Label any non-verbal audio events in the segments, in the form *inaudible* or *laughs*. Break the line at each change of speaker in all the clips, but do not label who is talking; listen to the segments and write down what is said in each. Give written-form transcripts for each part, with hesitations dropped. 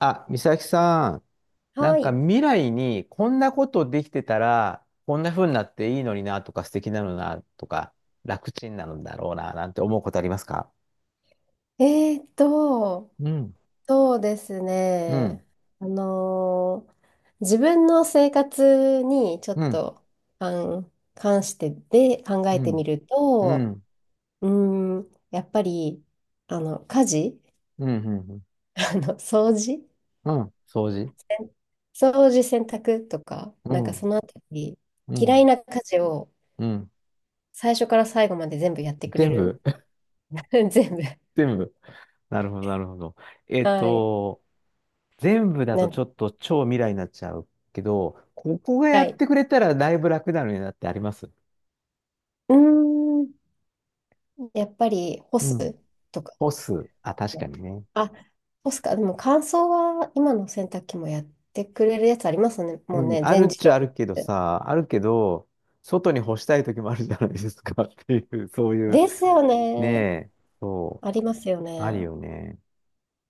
あ、美咲さん、な
は
んか
い。
未来にこんなことできてたら、こんな風になっていいのになとか素敵なのになとか、楽ちんなのだろうななんて思うことありますか？
えーっと、
うん、
そうです
うん、
ね。あのー自分の生活にちょっ
うん、
と関、あん関してで考
う
えてみ
ん、
る
う
と、
ん、
うやっぱり、あの、家事、
うん、うん、うん、
*laughs* あの、掃除、
うん、掃除、
掃除、洗濯とか、
う
なんか
ん、
そのあたり、
う
嫌い
ん、
な家事を
うん、
最初から最後まで全部やってくれ
全部。
る *laughs* 全部。
*laughs* 全部。なるほど、なるほど。えっ
はい。
と、全部だ
な
と
ん、
ちょっと超未来になっちゃうけど、ここが
は
やっ
い。
てくれたらだいぶ楽なのになってあります？
うーん。やっぱり干
うん、
すとか
干す。あ、確か
も。
にね。
あ、干すか。でも乾燥は今の洗濯機もやってくれるやつありますね。
う
もう
ん、
ね、
ある
全
っ
自
ちゃあ
動。
るけどさ、あるけど、外に干したい時もあるじゃないですか。 *laughs* っていう、そういう、
ですよ
ね
ね。
え、そ
ありますよ
う、あ
ね。
るよね。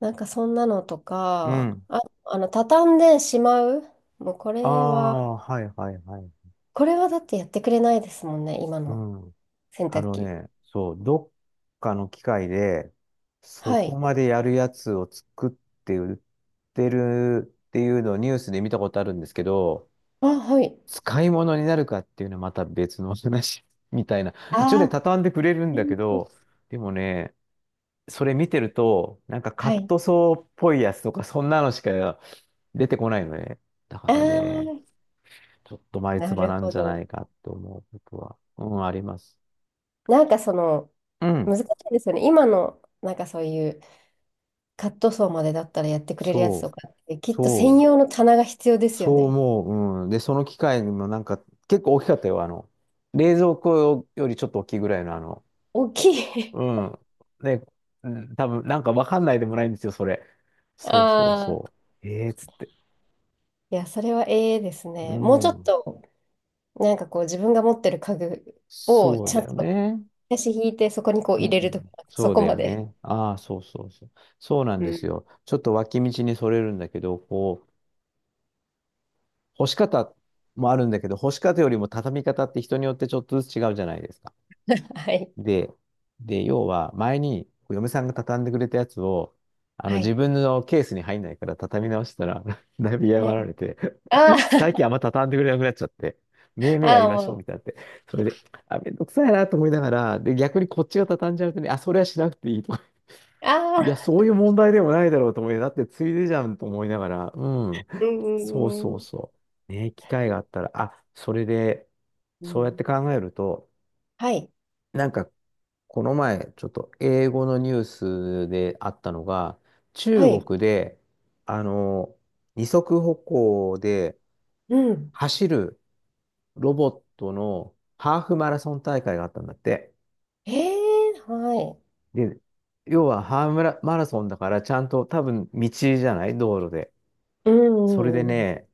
なんかそんなのと
う
か、
ん。
あ、あの、畳んでしまう。もうこ
あ
れは、
あ、はいはいはい。
これはだってやってくれないですもんね、今
う
の
ん。
洗
あ
濯
の
機。
ね、そう、どっかの機械で、そ
は
こ
い。
までやるやつを作って売ってるっていうのをニュースで見たことあるんですけど、
あ、はい。
使い物になるかっていうのはまた別の話 *laughs* みたいな。
あ
一応ね、
ー、
畳んでくれるんだけど、でもね、それ見てると、なんかカ
は
ッ
い。
トソーっぽいやつとか、そんなのしか出てこないのね。だか
あ
らね、
ー、
ちょっと前
な
唾
る
なん
ほ
じゃな
ど。
いかって思うことは、うん、あります。
なんかその、
うん、
難しいですよね。今の、なんかそういう、カットソーまでだったらやってくれるやつ
そ
と
う、
かって、きっと専
そう、
用の棚が必要ですよ
そう
ね。
思う。うん。で、その機械もなんか、結構大きかったよ。あの、冷蔵庫よりちょっと大きいぐらいのあの、
大きい
うん。ね、うん、多分なんかわかんないでもないんですよ、それ。
*laughs*
そうそう
あ
そう。
あ。
ええー、つって。
*laughs* いや、それはええです
う
ね。もうちょっ
ん。
と、なんかこう、自分が持ってる家具を、
そう
ちゃ
だ
ん
よ
と、
ね。
足引いて、そこにこう
う
入れるとか、
ん。
そ
そう
こ
だ
ま
よ
で。
ね。ああ、そうそうそう。そうなん
う
で
ん。
すよ。ちょっと脇道にそれるんだけど、こう、干し方もあるんだけど、干し方よりも畳み方って人によってちょっとずつ違うじゃないですか。
はい。
で、で、要は前に嫁さんが畳んでくれたやつを、あの
は
自
い。
分のケースに入んないから畳み直したら *laughs* だいぶ嫌が
ね
られて、
あ
*laughs* 最近あんま畳んでくれなくなっちゃって、めいめい
あ、
や
*laughs* あ
り
あ、
ましょ
も
う
う、
みたいになって、それで、あ、めんどくさいなと思いながら、で、逆にこっちが畳んじゃうとね、あ、それはしなくていいとか、
あ
いや、そ
あ、
ういう問題でもないだろうと思い、だってついでじゃんと思いながら、うん、
うんう
そうそ
ん
う
うん。
そう。ね、機会があったら、あ、それで、
う
そうやっ
ん
て考えると、
はい。
なんかこの前、ちょっと英語のニュースであったのが、
は
中
い。
国で、あの、二足歩行で
うん。
走るロボットのハーフマラソン大会があったんだって。
ええはい。
で、要はハーフマラソンだからちゃんと多分道じゃない道路で。
う
それで
んうん
ね、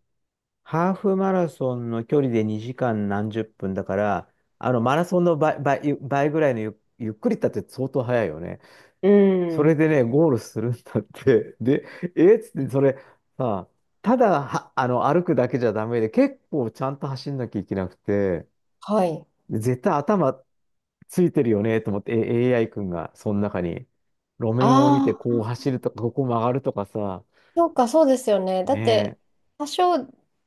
ハーフマラソンの距離で2時間何十分だから、あのマラソンの倍、倍、倍ぐらいのゆっくりだって相当速いよね。
うん。
そ
う
れ
ん。
でね、ゴールするんだって。で、えっつって、それ、さ、ただは、あの、歩くだけじゃダメで、結構ちゃんと走んなきゃいけなくて、
はい。
で絶対頭ついてるよね、と思って、AI 君が、その中に、路面を見
あ
て、こう
あ、
走るとか、ここ曲がるとかさ、
そうか、そうですよね。だって、
ねえ、
多少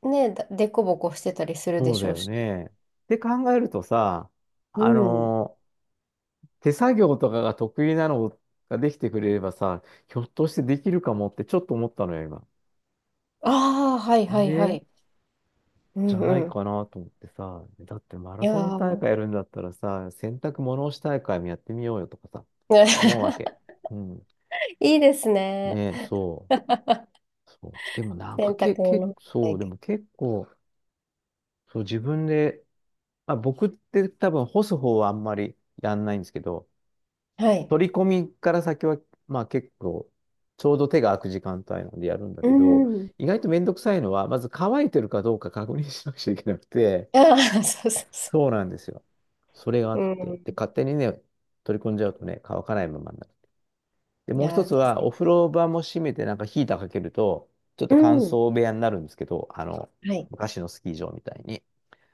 ね、だでこぼこしてたりするで
そう
し
だ
ょう
よ
し。
ね。って考えるとさ、
う
あ
ん。
の、手作業とかが得意なのができてくれればさ、ひょっとしてできるかもってちょっと思ったのよ、今。
ああ、はいはいは
ね
い。う
じ
ん
ゃ
う
ない
ん。
かなと思ってさ、だってマラ
いや
ソン大
ー
会やるんだったらさ、洗濯物干し大会もやってみようよとかさ、思うわけ。
*laughs*
うん。
いいですね。
ねえそう。そう。でもなん
洗
か
濯物体
そう、で
験。
も結構、そう、自分で、まあ、僕って多分干す方はあんまりやんないんですけど、
はい。
取り込みから先は、まあ結構、ちょうど手が空く時間帯なんでやるんだ
う
けど、
ん。
意外とめんどくさいのは、まず乾いてるかどうか確認しなくちゃいけなくて、
ああ、そうそうそ
そうなんですよ。それがあ
う。う
って。で、
ん。
勝手にね、取り込んじゃうとね、乾かないままになる。で、
い
もう
や
一
ー
つ
です
は、
ね。
お風呂場も閉めて、なんかヒーターかけると、ちょっ
う
と乾
ん。
燥部屋になるんですけど、あの、
はい。
昔のスキー場みたいに。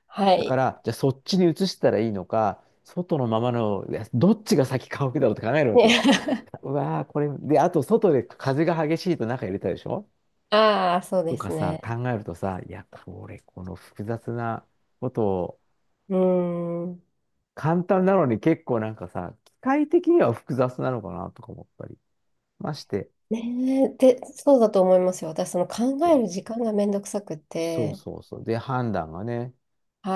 は
だか
い。
ら、じゃあそっちに移したらいいのか、外のままの、いやどっちが先乾くだろうって考えるわけよ。
ね、*laughs*
うわー、これ、で、あと外で風が激しいと中入れたでしょ
ああ、そう
と
で
か
す
さ、
ね。
考えるとさ、いや、これ、この複雑なことを、
うん。
簡単なのに結構なんかさ、機械的には複雑なのかなとか思ったりまして。
ねえ、で、そうだと思いますよ。私、その考える時間がめんどくさく
そう
て、
そうそう。で、判断がね、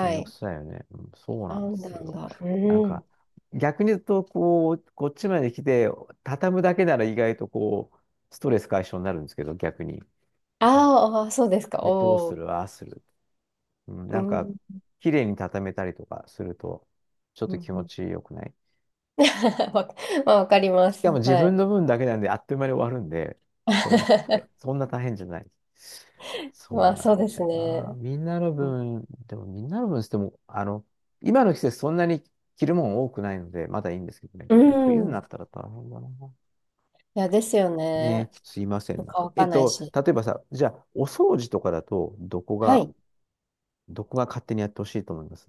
めんどく
い、
さいよね。うん、そうなんで
判
す
断
よ。
が、う
なんか、
ん。
逆に言うと、こう、こっちまで来て、畳むだけなら意外とこう、ストレス解消になるんですけど、逆に。
あ
でも、
ーあー、そうですか。
これどう
お
す
お、
る、ああする。うん、
う
なんか、
ん、
綺麗に畳めたりとかすると、ちょっ
う
と気持
ん。
ちよくない？
*laughs* わ、まあ、わかりま
し
す。
かも自
はい。
分の分だけなんであっという間に終わるんで、正直言って。そ
*laughs*
んな大変じゃない。
ま
そう
あ、
なん
そうで
だよ
す
な。
ね。
みんなの分、でもみんなの分しても、あの、今の季節そんなに着るもん多くないので、まだいいんですけどね。
う
これ冬にな
ん。
ったら大変だな。
いや、ですよ
ねえ、
ね。
すいません。なんか、
乾かないし。
例えばさ、じゃあ、お掃除とかだと、どこ
は
が、
い。
どこが勝手にやってほしいと思います？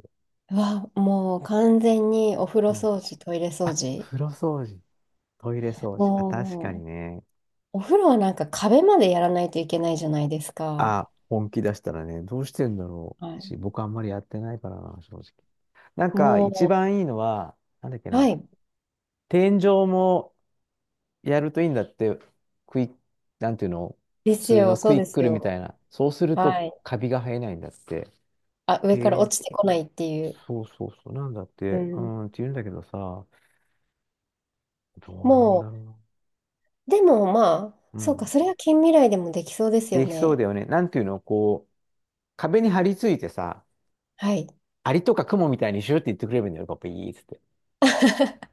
うわ、もう完全にお風呂
うん。
掃除、トイレ掃
あ、
除。
風呂掃除、トイレ掃除。あ、確かに
もう、
ね。
お風呂はなんか壁までやらないといけないじゃないですか。
あ、本気出したらね、どうしてんだろ
は
う
い
し、僕あんまりやってないからな、正直。なんか、一
も
番いいのは、なんだっけ
う、は
な、
い。
天井もやるといいんだって、クイッ、なんていうの、
で
普
す
通
よ、
の
そ
ク
う
イ
で
ック
す
ルみた
よ。
いな。そうする
は
と、
い。
カビが生えないんだって。
あ、
へ
上から
え、
落ちてこないっていう。
そうそうそう、なんだっ
う
て、う
ん。
ん、って言うんだけどさ、どうなん
も
だろ
う、でもまあ、
うな。う
そうか、
ん。
それは近未来でもできそうです
で
よ
きそう
ね。
だよね。なんていうの、こう、壁に張り付いてさ、
はい。
アリとかクモみたいにシューって言ってくれればいいんだよ、パパ、いいっつって。
*laughs*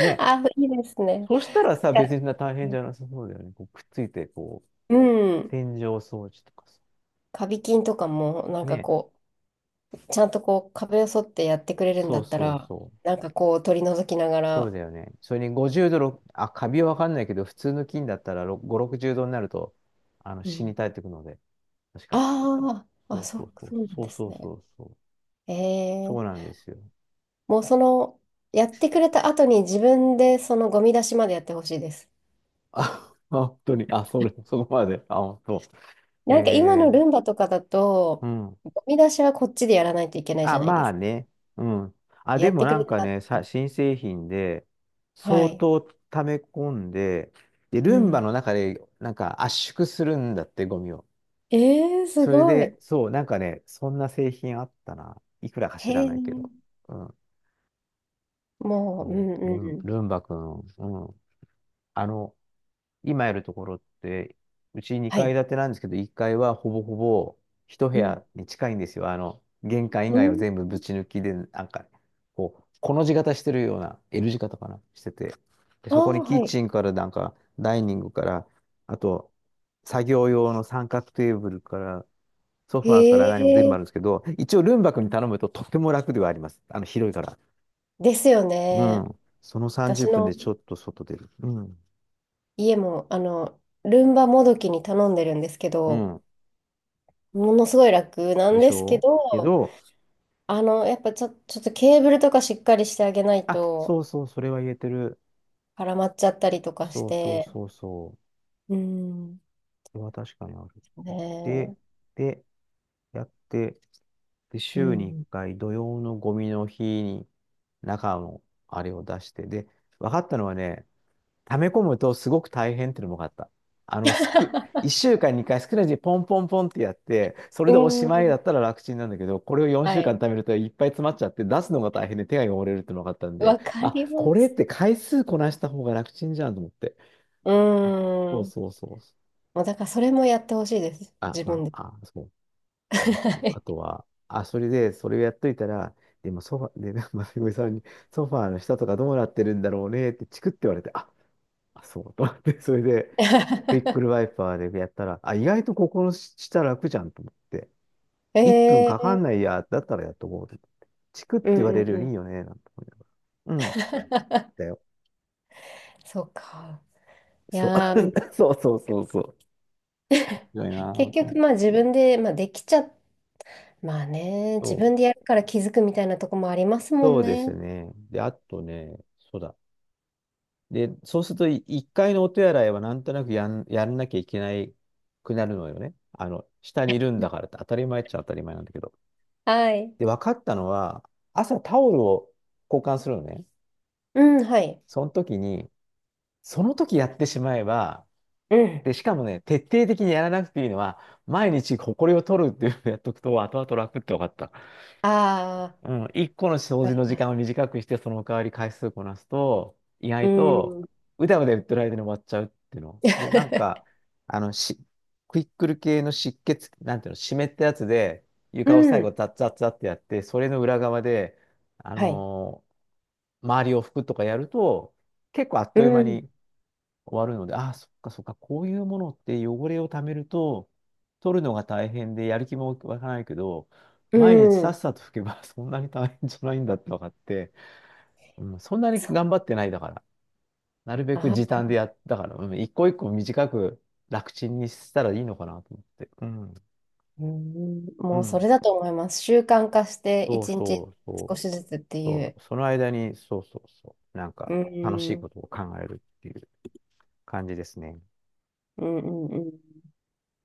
ね。
あ、いいですね。
そしたらさ、
いや
別にそんな大変じゃなさそうだよね。こうくっついて、こう、
うん。
天井掃除とかさ。
カビ菌とかも、なんか
ね。
こう、ちゃんとこう、壁を沿ってやってくれるんだ
そう
った
そう
ら、
そう。
なんかこう、取り除きなが
そう
ら、
だよね。それに50度、ろくあ、カビはわかんないけど、普通の菌だったら5、60度になると、あの、
う
死に
ん。
絶えてくので、確か。
ああ、
そ
あ、
う
そ
そ
う、
うそう。
そうなん
そう
です
そう
ね。
そうそう。
え
そうな
ー
んですよ。
もうその、やってくれた後に自分でそのゴミ出しまでやってほしいです。
あ、*laughs* 本当に。あ、それ、そこまで。あ、本当。
なんか今の
えー、
ルンバとかだ
う
と、
ん。
ゴミ出しはこっちでやらないといけないじ
あ、
ゃないで
まあ
すか。
ね。うん。あ、で
やっ
も
てく
な
れ
んか
た。
ね、さ、新製品で、
は
相
い。
当溜め込んで、で、
う
ルンバ
ん。
の中で、なんか圧縮するんだって、ゴミを。
えー、す
それ
ご
で、
い。
そう、なんかね、そんな製品あったな。いくらか知
へ
ら
え。
ないけど。うん。
もう、う
そ
ん
うル
うんう
ン、
ん。
ルンバくん、うん。あの、今やるところって、うち
は
2階
い。
建てなんですけど、1階はほぼほぼ一部
うん。
屋に近いんですよ。玄関以
う
外は
ん
全部ぶち抜きで、なんか、こう、この字型してるような、L 字型かな、してて。で、
ああ、
そこにキッ
は
チンからなんか、ダイニングから、あと、作業用の三角テーブルから、ソ
い。
ファーから何も全
へ
部
え。
あるんですけど、一応ルンバ君に頼むととっても楽ではあります。広いから。
ですよ
う
ね。
ん。その30
私
分
の
でちょっと外出る。うん。
家も、あの、ルンバもどきに頼んでるんですけ
う
ど、
ん。
ものすごい楽な
で
ん
し
ですけ
ょうけ
ど、
ど、
あの、やっぱちょ、ちょっとケーブルとかしっかりしてあげない
あ、
と
そうそう、それは言えてる。
絡まっちゃったりとかし
そうそう
て、
そうそう。
うん。
それは確かにある。で、
ね
で、やって、で、
えう
週に1
ん。
回、土曜のゴミの日に中のあれを出して、で、分かったのはね、溜め込むとすごく大変っていうのも分かった。あの、すく、
*laughs*
1週間に2回少ないうにポンポンポンってやって、それ
え。う
でおしまい
ん。
だったら楽ちんなんだけど、これを4
は
週
い。
間溜めるといっぱい詰まっちゃって、出すのが大変で手が汚れるっていうのが分かったんで、
わか
あ、
りま
これっ
す。
て回数こなした方が楽ちんじゃんと思って。
う
そう
ん。
そうそう。
もうだからそれもやってほしいです。
あ、
自
ま
分で。
あ、あ、そう。で、あ
は
と、
い
あとは、あ、それで、それをやっといたら、でもソファ、で、*laughs* まさみさんに、ソファーの下とかどうなってるんだろうねってチクって言われて、あ、あ、そうと思って、それで、クイック
*laughs*
ルワイパーでやったら、あ、意外とここの下楽じゃんと思って、1分
え
かか
ー、
んないや、だったらやっとこうと思って。チクっ
う
て
ん
言わ
う
れる
ん
よ
う
りい
ん。
いよね、なんて思いながら。うん。
*laughs*
だよ。
そうか。い
そう。
やー、うん
*laughs* そうそうそうそう。強いな、本
結
当
局
に。
まあ自分で、まあ、できちゃ、まあね、
そ
自分で
う。
やるから気づくみたいなとこもありますも
そ
ん
うで
ね。
すね。で、あとね、そうだ。で、そうすると、い一回のお手洗いはなんとなくやん、やんなきゃいけないくなるのよね。下にいるんだからって当たり前っちゃ当たり前なんだけど。
はい。
で、分かったのは、朝タオルを交換するのね。
うん、はい。
その時に、その時やってしまえば、
うん。
で、しかもね、徹底的にやらなくていいのは、毎日ホコリを取るっていうのをやっとくと、後々楽って分かった。
ああ、わ
うん、1個の掃
か
除
り
の時
ま
間を
す。
短くして、その代わり回数こなすと、意
う
外と、
ん。
うだうだ言ってる間に終わっちゃうっていうの。で、
*laughs*
あの、し、クイックル系の湿血、なんていうの、湿ったやつで、
う
床を最後、
ん、
ザッザッザッってやって、それの裏側で、あ
はい。
のー周りを拭くとかやると、結構あっ
う
という間
ん、
に終わるので、ああ、そっかそっか、こういうものって汚れをためると、取るのが大変で、やる気も湧かないけど、
う
毎日さ
ん。
っさと拭けば *laughs* そんなに大変じゃないんだって分かって、うん、そんなに
そ
頑
う。
張ってないだから、なるべ
あ
く時
ー、
短でやったから、うん、一個一個短く楽ちんにしたらいいのかなと思って。うん、
うん、
う
もうそ
ん。
れだと思います。習慣化して、
そう
一日
そう
少
そう
しずつってい
そ
う。
う。その間に、そうそうそう。なん
う
か楽し
ん、う
い
ん、
ことを考えるっていう感じですね。
うん、うん。